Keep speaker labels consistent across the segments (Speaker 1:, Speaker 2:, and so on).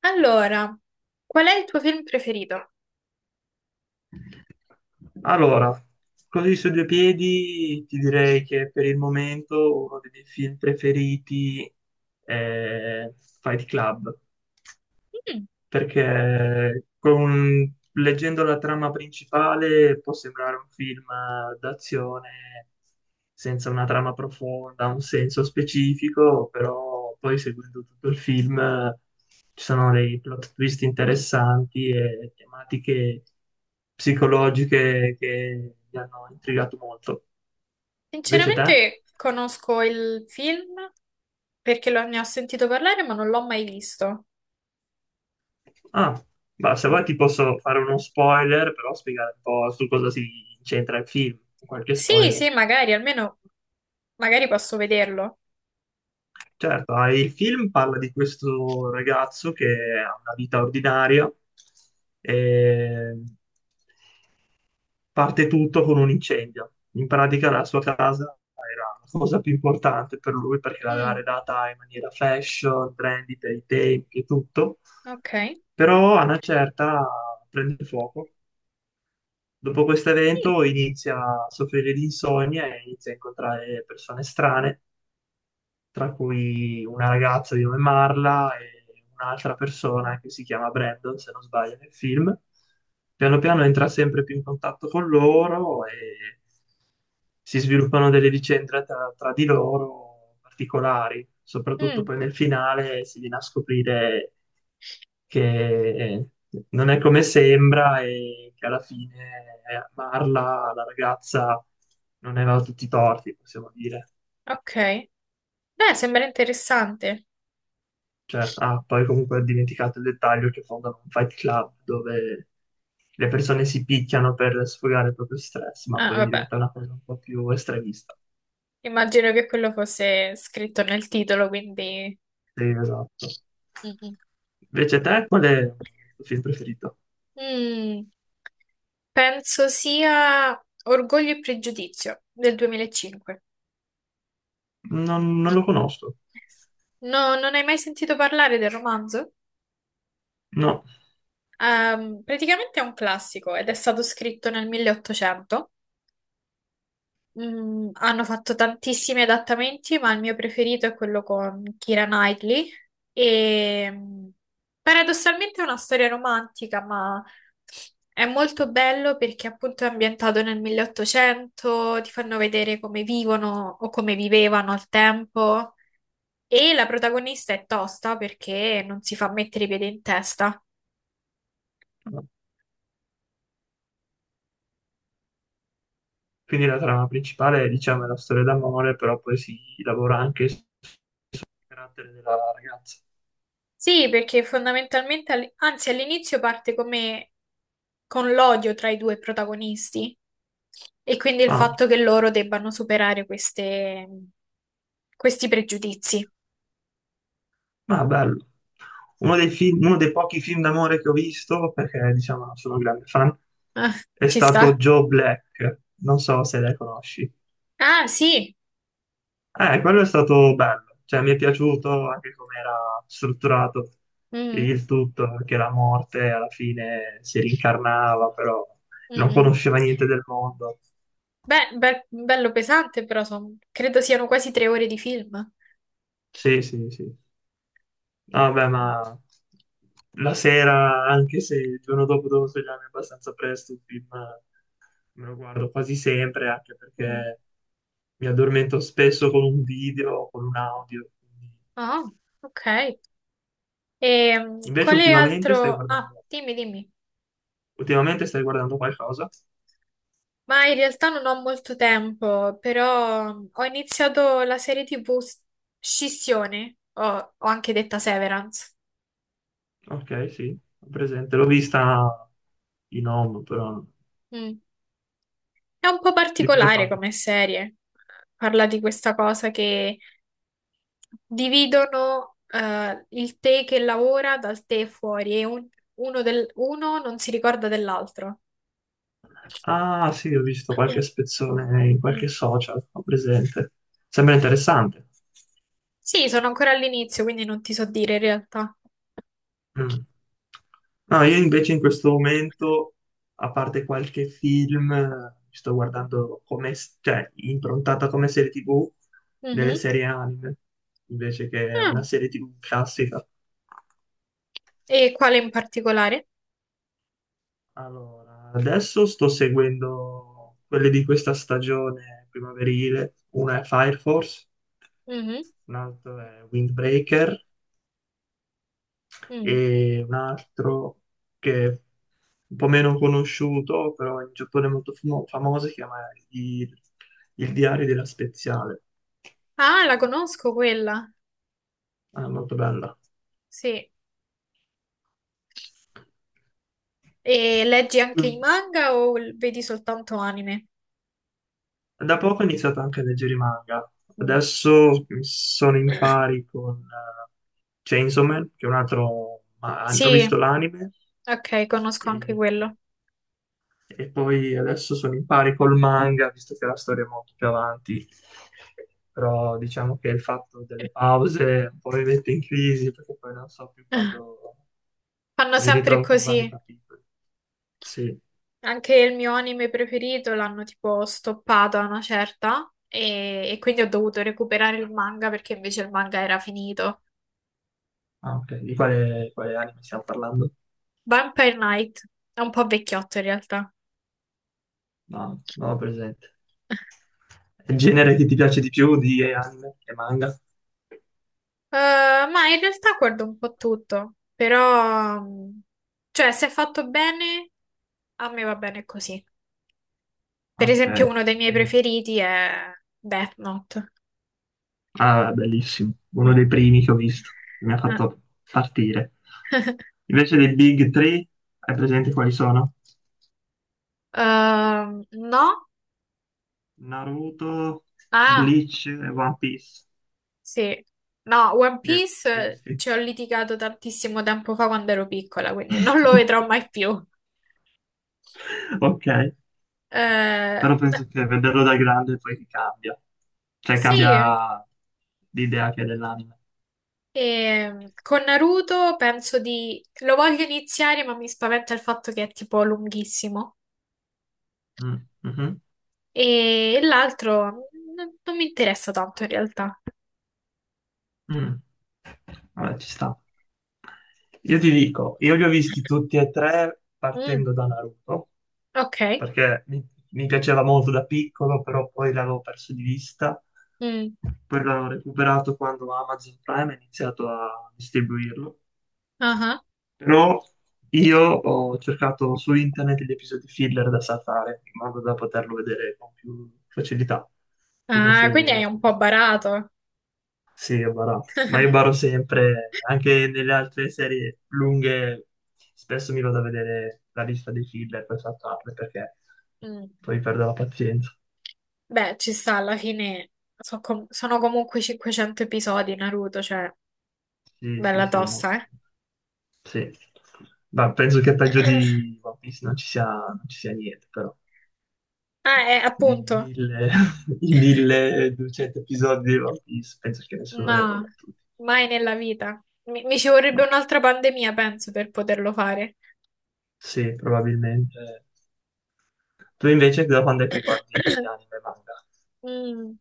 Speaker 1: Allora, qual è il tuo film preferito?
Speaker 2: Allora, così su due piedi ti direi che per il momento uno dei miei film preferiti è Fight Club
Speaker 1: Mm,
Speaker 2: perché leggendo la trama principale può sembrare un film d'azione senza una trama profonda, un senso specifico, però poi seguendo tutto il film ci sono dei plot twist interessanti e tematiche psicologiche che mi hanno intrigato molto. Invece te?
Speaker 1: Sinceramente conosco il film perché ne ho sentito parlare, ma non l'ho mai visto.
Speaker 2: Ah, ma se
Speaker 1: Mm.
Speaker 2: vuoi ti posso fare uno spoiler, però spiegare un po' su cosa si incentra il film, qualche
Speaker 1: Sì,
Speaker 2: spoiler.
Speaker 1: sì, magari, almeno magari posso vederlo.
Speaker 2: Certo, ah, il film parla di questo ragazzo che ha una vita ordinaria e parte tutto con un incendio. In pratica la sua casa era la cosa più importante per lui perché l'aveva
Speaker 1: Mm,
Speaker 2: redata in maniera fashion, trendy per i tempi e tutto.
Speaker 1: ok.
Speaker 2: Però a una certa prende fuoco. Dopo questo evento inizia a soffrire di insonnia e inizia a incontrare persone strane tra cui una ragazza di nome Marla e un'altra persona che si chiama Brandon, se non sbaglio, nel film. Piano piano entra sempre più in contatto con loro e si sviluppano delle vicende tra di loro particolari.
Speaker 1: Mm,
Speaker 2: Soprattutto
Speaker 1: mm,
Speaker 2: poi nel finale si viene a scoprire che non è come sembra e che alla fine Marla, la ragazza, non aveva tutti i torti, possiamo dire.
Speaker 1: ok. Beh, sembra interessante.
Speaker 2: Certo. Ah, poi comunque ho dimenticato il dettaglio che fondano un fight club dove le persone si picchiano per sfogare il proprio stress, ma
Speaker 1: Ah,
Speaker 2: poi
Speaker 1: vabbè,
Speaker 2: diventa una cosa un po' più estremista.
Speaker 1: immagino che quello fosse scritto nel titolo, quindi.
Speaker 2: Sì, esatto.
Speaker 1: Mm, mm.
Speaker 2: Invece te, qual è il tuo film preferito?
Speaker 1: Mm, Penso sia Orgoglio e Pregiudizio del 2005.
Speaker 2: Non lo conosco.
Speaker 1: No, non hai mai sentito parlare del romanzo?
Speaker 2: No.
Speaker 1: Praticamente è un classico ed è stato scritto nel 1800. Hanno fatto tantissimi adattamenti, ma il mio preferito è quello con Keira Knightley. E paradossalmente è una storia romantica, ma è molto bello perché appunto è ambientato nel 1800, ti fanno vedere come vivono o come vivevano al tempo. E la protagonista è tosta perché non si fa mettere i piedi in testa.
Speaker 2: No. Quindi la trama principale, diciamo, è la storia d'amore, però poi si lavora anche sul carattere della ragazza.
Speaker 1: Sì, perché fondamentalmente, anzi all'inizio parte come con l'odio tra i due protagonisti e quindi il
Speaker 2: Ah.
Speaker 1: fatto che loro debbano superare questi pregiudizi.
Speaker 2: Ah, bello. Uno dei pochi film d'amore che ho visto, perché diciamo sono un grande fan,
Speaker 1: Ah,
Speaker 2: è
Speaker 1: ci
Speaker 2: stato
Speaker 1: sta?
Speaker 2: Joe Black. Non so se le conosci.
Speaker 1: Ah, sì.
Speaker 2: Quello è stato bello, cioè mi è piaciuto anche come era strutturato
Speaker 1: Mm,
Speaker 2: il tutto, che la morte alla fine si rincarnava, però
Speaker 1: mm,
Speaker 2: non
Speaker 1: mm.
Speaker 2: conosceva niente del mondo.
Speaker 1: Beh, bello pesante, però credo siano quasi 3 ore di film.
Speaker 2: Sì, sì, sì. No, vabbè, ma la sera, anche se il giorno dopo dovevo svegliarmi abbastanza presto, il film me lo guardo quasi sempre, anche
Speaker 1: Mm.
Speaker 2: perché mi addormento spesso con un video o con un audio. Quindi-
Speaker 1: Ah, ok. E
Speaker 2: Invece
Speaker 1: quale altro. Ah, dimmi, dimmi.
Speaker 2: ultimamente stai guardando qualcosa?
Speaker 1: Ma in realtà non ho molto tempo, però ho iniziato la serie TV Scissione, o anche detta Severance.
Speaker 2: Ok, sì, ho presente. L'ho vista in home, però
Speaker 1: Mm. È un po'
Speaker 2: di cosa
Speaker 1: particolare
Speaker 2: parla?
Speaker 1: come serie. Parla di questa cosa che dividono il te che lavora dal te fuori e uno, uno non si ricorda dell'altro.
Speaker 2: Ah, sì, ho visto qualche spezzone in
Speaker 1: Mm.
Speaker 2: qualche social, ho presente. Sembra interessante.
Speaker 1: Sì, sono ancora all'inizio, quindi non ti so dire in realtà.
Speaker 2: Mm. No, io invece in questo momento, a parte qualche film, sto guardando come, cioè, improntata come serie TV delle
Speaker 1: Mhm.
Speaker 2: serie anime, invece che
Speaker 1: Ah,
Speaker 2: una serie TV classica.
Speaker 1: e quale in particolare?
Speaker 2: Allora, adesso sto seguendo quelle di questa stagione primaverile, una è Fire Force,
Speaker 1: Mhm,
Speaker 2: un'altra è Windbreaker
Speaker 1: mm.
Speaker 2: e un altro che è un po' meno conosciuto, però in Giappone è molto famoso, si chiama il, il diario della Speziale.
Speaker 1: Ah, la conosco quella.
Speaker 2: È molto bella.
Speaker 1: Sì. E leggi anche i manga o vedi soltanto anime?
Speaker 2: Da poco ho iniziato anche a leggere i manga.
Speaker 1: Mm.
Speaker 2: Adesso sono in pari con Chainsaw Man, che è un altro... ho visto
Speaker 1: Sì,
Speaker 2: l'anime,
Speaker 1: ok, conosco anche
Speaker 2: e
Speaker 1: quello.
Speaker 2: E poi adesso sono in pari col manga, visto che la storia è molto più avanti. Però diciamo che il fatto delle pause un po' mi mette in crisi perché poi non so più
Speaker 1: Ah,
Speaker 2: quando
Speaker 1: fanno
Speaker 2: se mi
Speaker 1: sempre
Speaker 2: ritrovo con vari
Speaker 1: così.
Speaker 2: capitoli. Sì,
Speaker 1: Anche il mio anime preferito l'hanno tipo stoppato a una certa e quindi ho dovuto recuperare il manga perché invece il manga era finito.
Speaker 2: ah, ok. Di quale anime stiamo parlando?
Speaker 1: Vampire Knight è un po' vecchiotto in realtà.
Speaker 2: No, non ho presente. È il genere che ti piace di più di anime e manga?
Speaker 1: Ma in realtà guardo un po' tutto, però, cioè, se è fatto bene, a me va bene così. Per
Speaker 2: Ok.
Speaker 1: esempio, uno dei miei preferiti è Death Note.
Speaker 2: Ah, bellissimo, uno
Speaker 1: Mm.
Speaker 2: dei primi che ho visto, che mi ha
Speaker 1: Ah.
Speaker 2: fatto partire. Invece dei Big Three, hai presente quali sono?
Speaker 1: No?
Speaker 2: Naruto,
Speaker 1: Ah,
Speaker 2: Bleach e One Piece.
Speaker 1: sì. No, One
Speaker 2: Li hai
Speaker 1: Piece
Speaker 2: visti?
Speaker 1: ci ho litigato tantissimo tempo fa quando ero piccola, quindi non lo vedrò mai più.
Speaker 2: Ok,
Speaker 1: Eh,
Speaker 2: però
Speaker 1: ma-
Speaker 2: penso che vederlo da grande poi ti cambia, cioè
Speaker 1: sì.
Speaker 2: cambia l'idea che hai dell'anime.
Speaker 1: E con Naruto penso di, lo voglio iniziare, ma mi spaventa il fatto che è tipo lunghissimo.
Speaker 2: Mm, mhm,
Speaker 1: E l'altro non mi interessa tanto in realtà.
Speaker 2: mm. Vabbè, ci sta. Io ti dico, io li ho visti tutti e tre
Speaker 1: Mm,
Speaker 2: partendo da Naruto
Speaker 1: ok.
Speaker 2: perché mi piaceva molto da piccolo, però poi l'avevo perso di vista.
Speaker 1: Mm,
Speaker 2: Poi l'ho recuperato quando Amazon Prime ha iniziato a distribuirlo.
Speaker 1: ah ah.
Speaker 2: Però io ho cercato su internet gli episodi filler da saltare, in modo da poterlo vedere con più facilità. Ti
Speaker 1: Ah,
Speaker 2: consiglio di
Speaker 1: quindi hai
Speaker 2: vederlo.
Speaker 1: un po' barato.
Speaker 2: Sì, ho barato. Ma io baro sempre, anche nelle altre serie lunghe, spesso mi vado a vedere la lista dei filler per saltarle, perché
Speaker 1: Mm.
Speaker 2: poi perdo la pazienza.
Speaker 1: Beh, ci sta, alla fine sono comunque 500 episodi Naruto, cioè
Speaker 2: Sì, sì,
Speaker 1: bella
Speaker 2: sì,
Speaker 1: tosta, eh.
Speaker 2: sì. Ma penso che peggio di One Piece non ci sia niente, però.
Speaker 1: Ah,
Speaker 2: I
Speaker 1: appunto.
Speaker 2: mille, i 1200 episodi di One Piece, penso che nessuno li abbia
Speaker 1: Ma
Speaker 2: battuti.
Speaker 1: mai nella vita. Mi ci vorrebbe
Speaker 2: No.
Speaker 1: un'altra pandemia, penso, per poterlo fare.
Speaker 2: Sì, probabilmente. Tu invece da quando è che guardi anime e manga?
Speaker 1: Mm.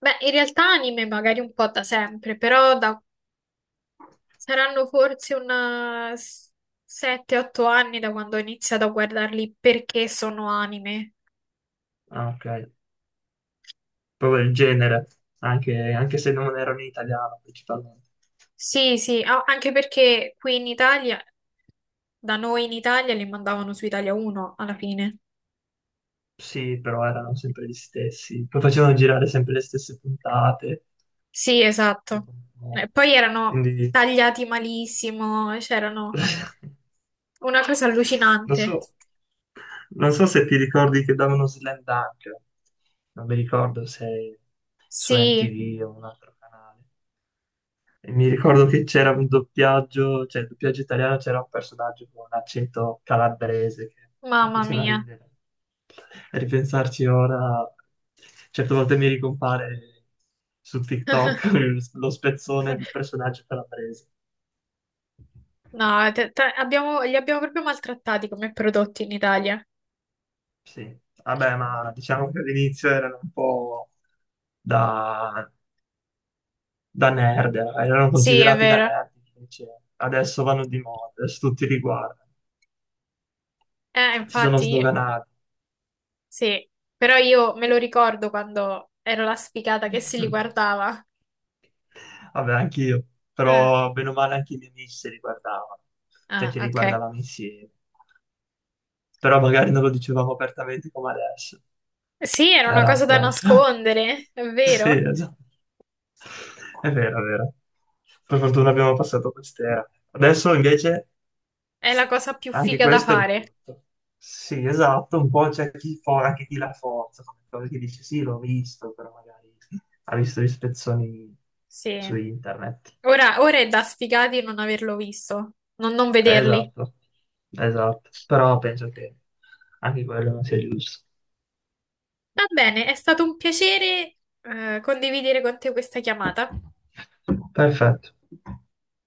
Speaker 1: Beh, in realtà anime magari un po' da sempre, però saranno forse un 7-8 anni da quando ho iniziato a guardarli perché sono anime.
Speaker 2: Ah, ok. Proprio il genere, anche se non erano in italiano principalmente.
Speaker 1: Sì, sì, anche perché qui in Italia, da noi in Italia, li mandavano su Italia 1 alla fine.
Speaker 2: Sì, però erano sempre gli stessi. Poi facevano girare sempre le stesse puntate.
Speaker 1: Sì, esatto.
Speaker 2: Dopo un
Speaker 1: E
Speaker 2: po'.
Speaker 1: poi erano
Speaker 2: Quindi
Speaker 1: tagliati malissimo, c'erano una cosa
Speaker 2: non so,
Speaker 1: allucinante.
Speaker 2: non so se ti ricordi che davano Slam Dunk. Non mi ricordo se su
Speaker 1: Sì,
Speaker 2: MTV o un altro canale. E mi ricordo che c'era un doppiaggio, cioè il doppiaggio italiano c'era un personaggio con un accento calabrese che mi
Speaker 1: mamma
Speaker 2: faceva
Speaker 1: mia.
Speaker 2: ridere. A ripensarci ora, certe volte mi ricompare su TikTok lo spezzone del personaggio calabrese.
Speaker 1: No, li abbiamo proprio maltrattati come prodotti in Italia.
Speaker 2: Sì, vabbè, ma diciamo che all'inizio erano un po' da, da nerd, erano
Speaker 1: Sì, è
Speaker 2: considerati da
Speaker 1: vero.
Speaker 2: nerd, invece adesso vanno di moda, adesso tutti li guardano, si sono
Speaker 1: Infatti,
Speaker 2: sdoganati.
Speaker 1: sì. Però io me lo ricordo quando ero la sfigata che si li guardava.
Speaker 2: Vabbè, anch'io,
Speaker 1: Eh,
Speaker 2: però bene o male anche i miei amici se li guardavano, cioè
Speaker 1: Ah,
Speaker 2: ci
Speaker 1: ok.
Speaker 2: riguardavamo insieme, però magari non lo dicevamo apertamente come adesso,
Speaker 1: Sì, era una
Speaker 2: era
Speaker 1: cosa
Speaker 2: un
Speaker 1: da
Speaker 2: po'...
Speaker 1: nascondere, è
Speaker 2: Sì,
Speaker 1: vero.
Speaker 2: esatto, è vero, è vero. Per fortuna abbiamo passato quest'era. Adesso invece
Speaker 1: È la
Speaker 2: s-
Speaker 1: cosa più
Speaker 2: anche
Speaker 1: figa da
Speaker 2: questo è
Speaker 1: fare.
Speaker 2: brutto. Sì, esatto, un po' c'è chi anche chi la forza, come cosa che dice sì, l'ho visto, però magari ha visto gli spezzoni
Speaker 1: Sì.
Speaker 2: su internet.
Speaker 1: Ora è da sfigati non averlo visto, non vederli.
Speaker 2: Esatto, esatto, però penso che anche quello non sia giusto.
Speaker 1: Va bene, è stato un piacere, condividere con te questa chiamata.
Speaker 2: Perfetto.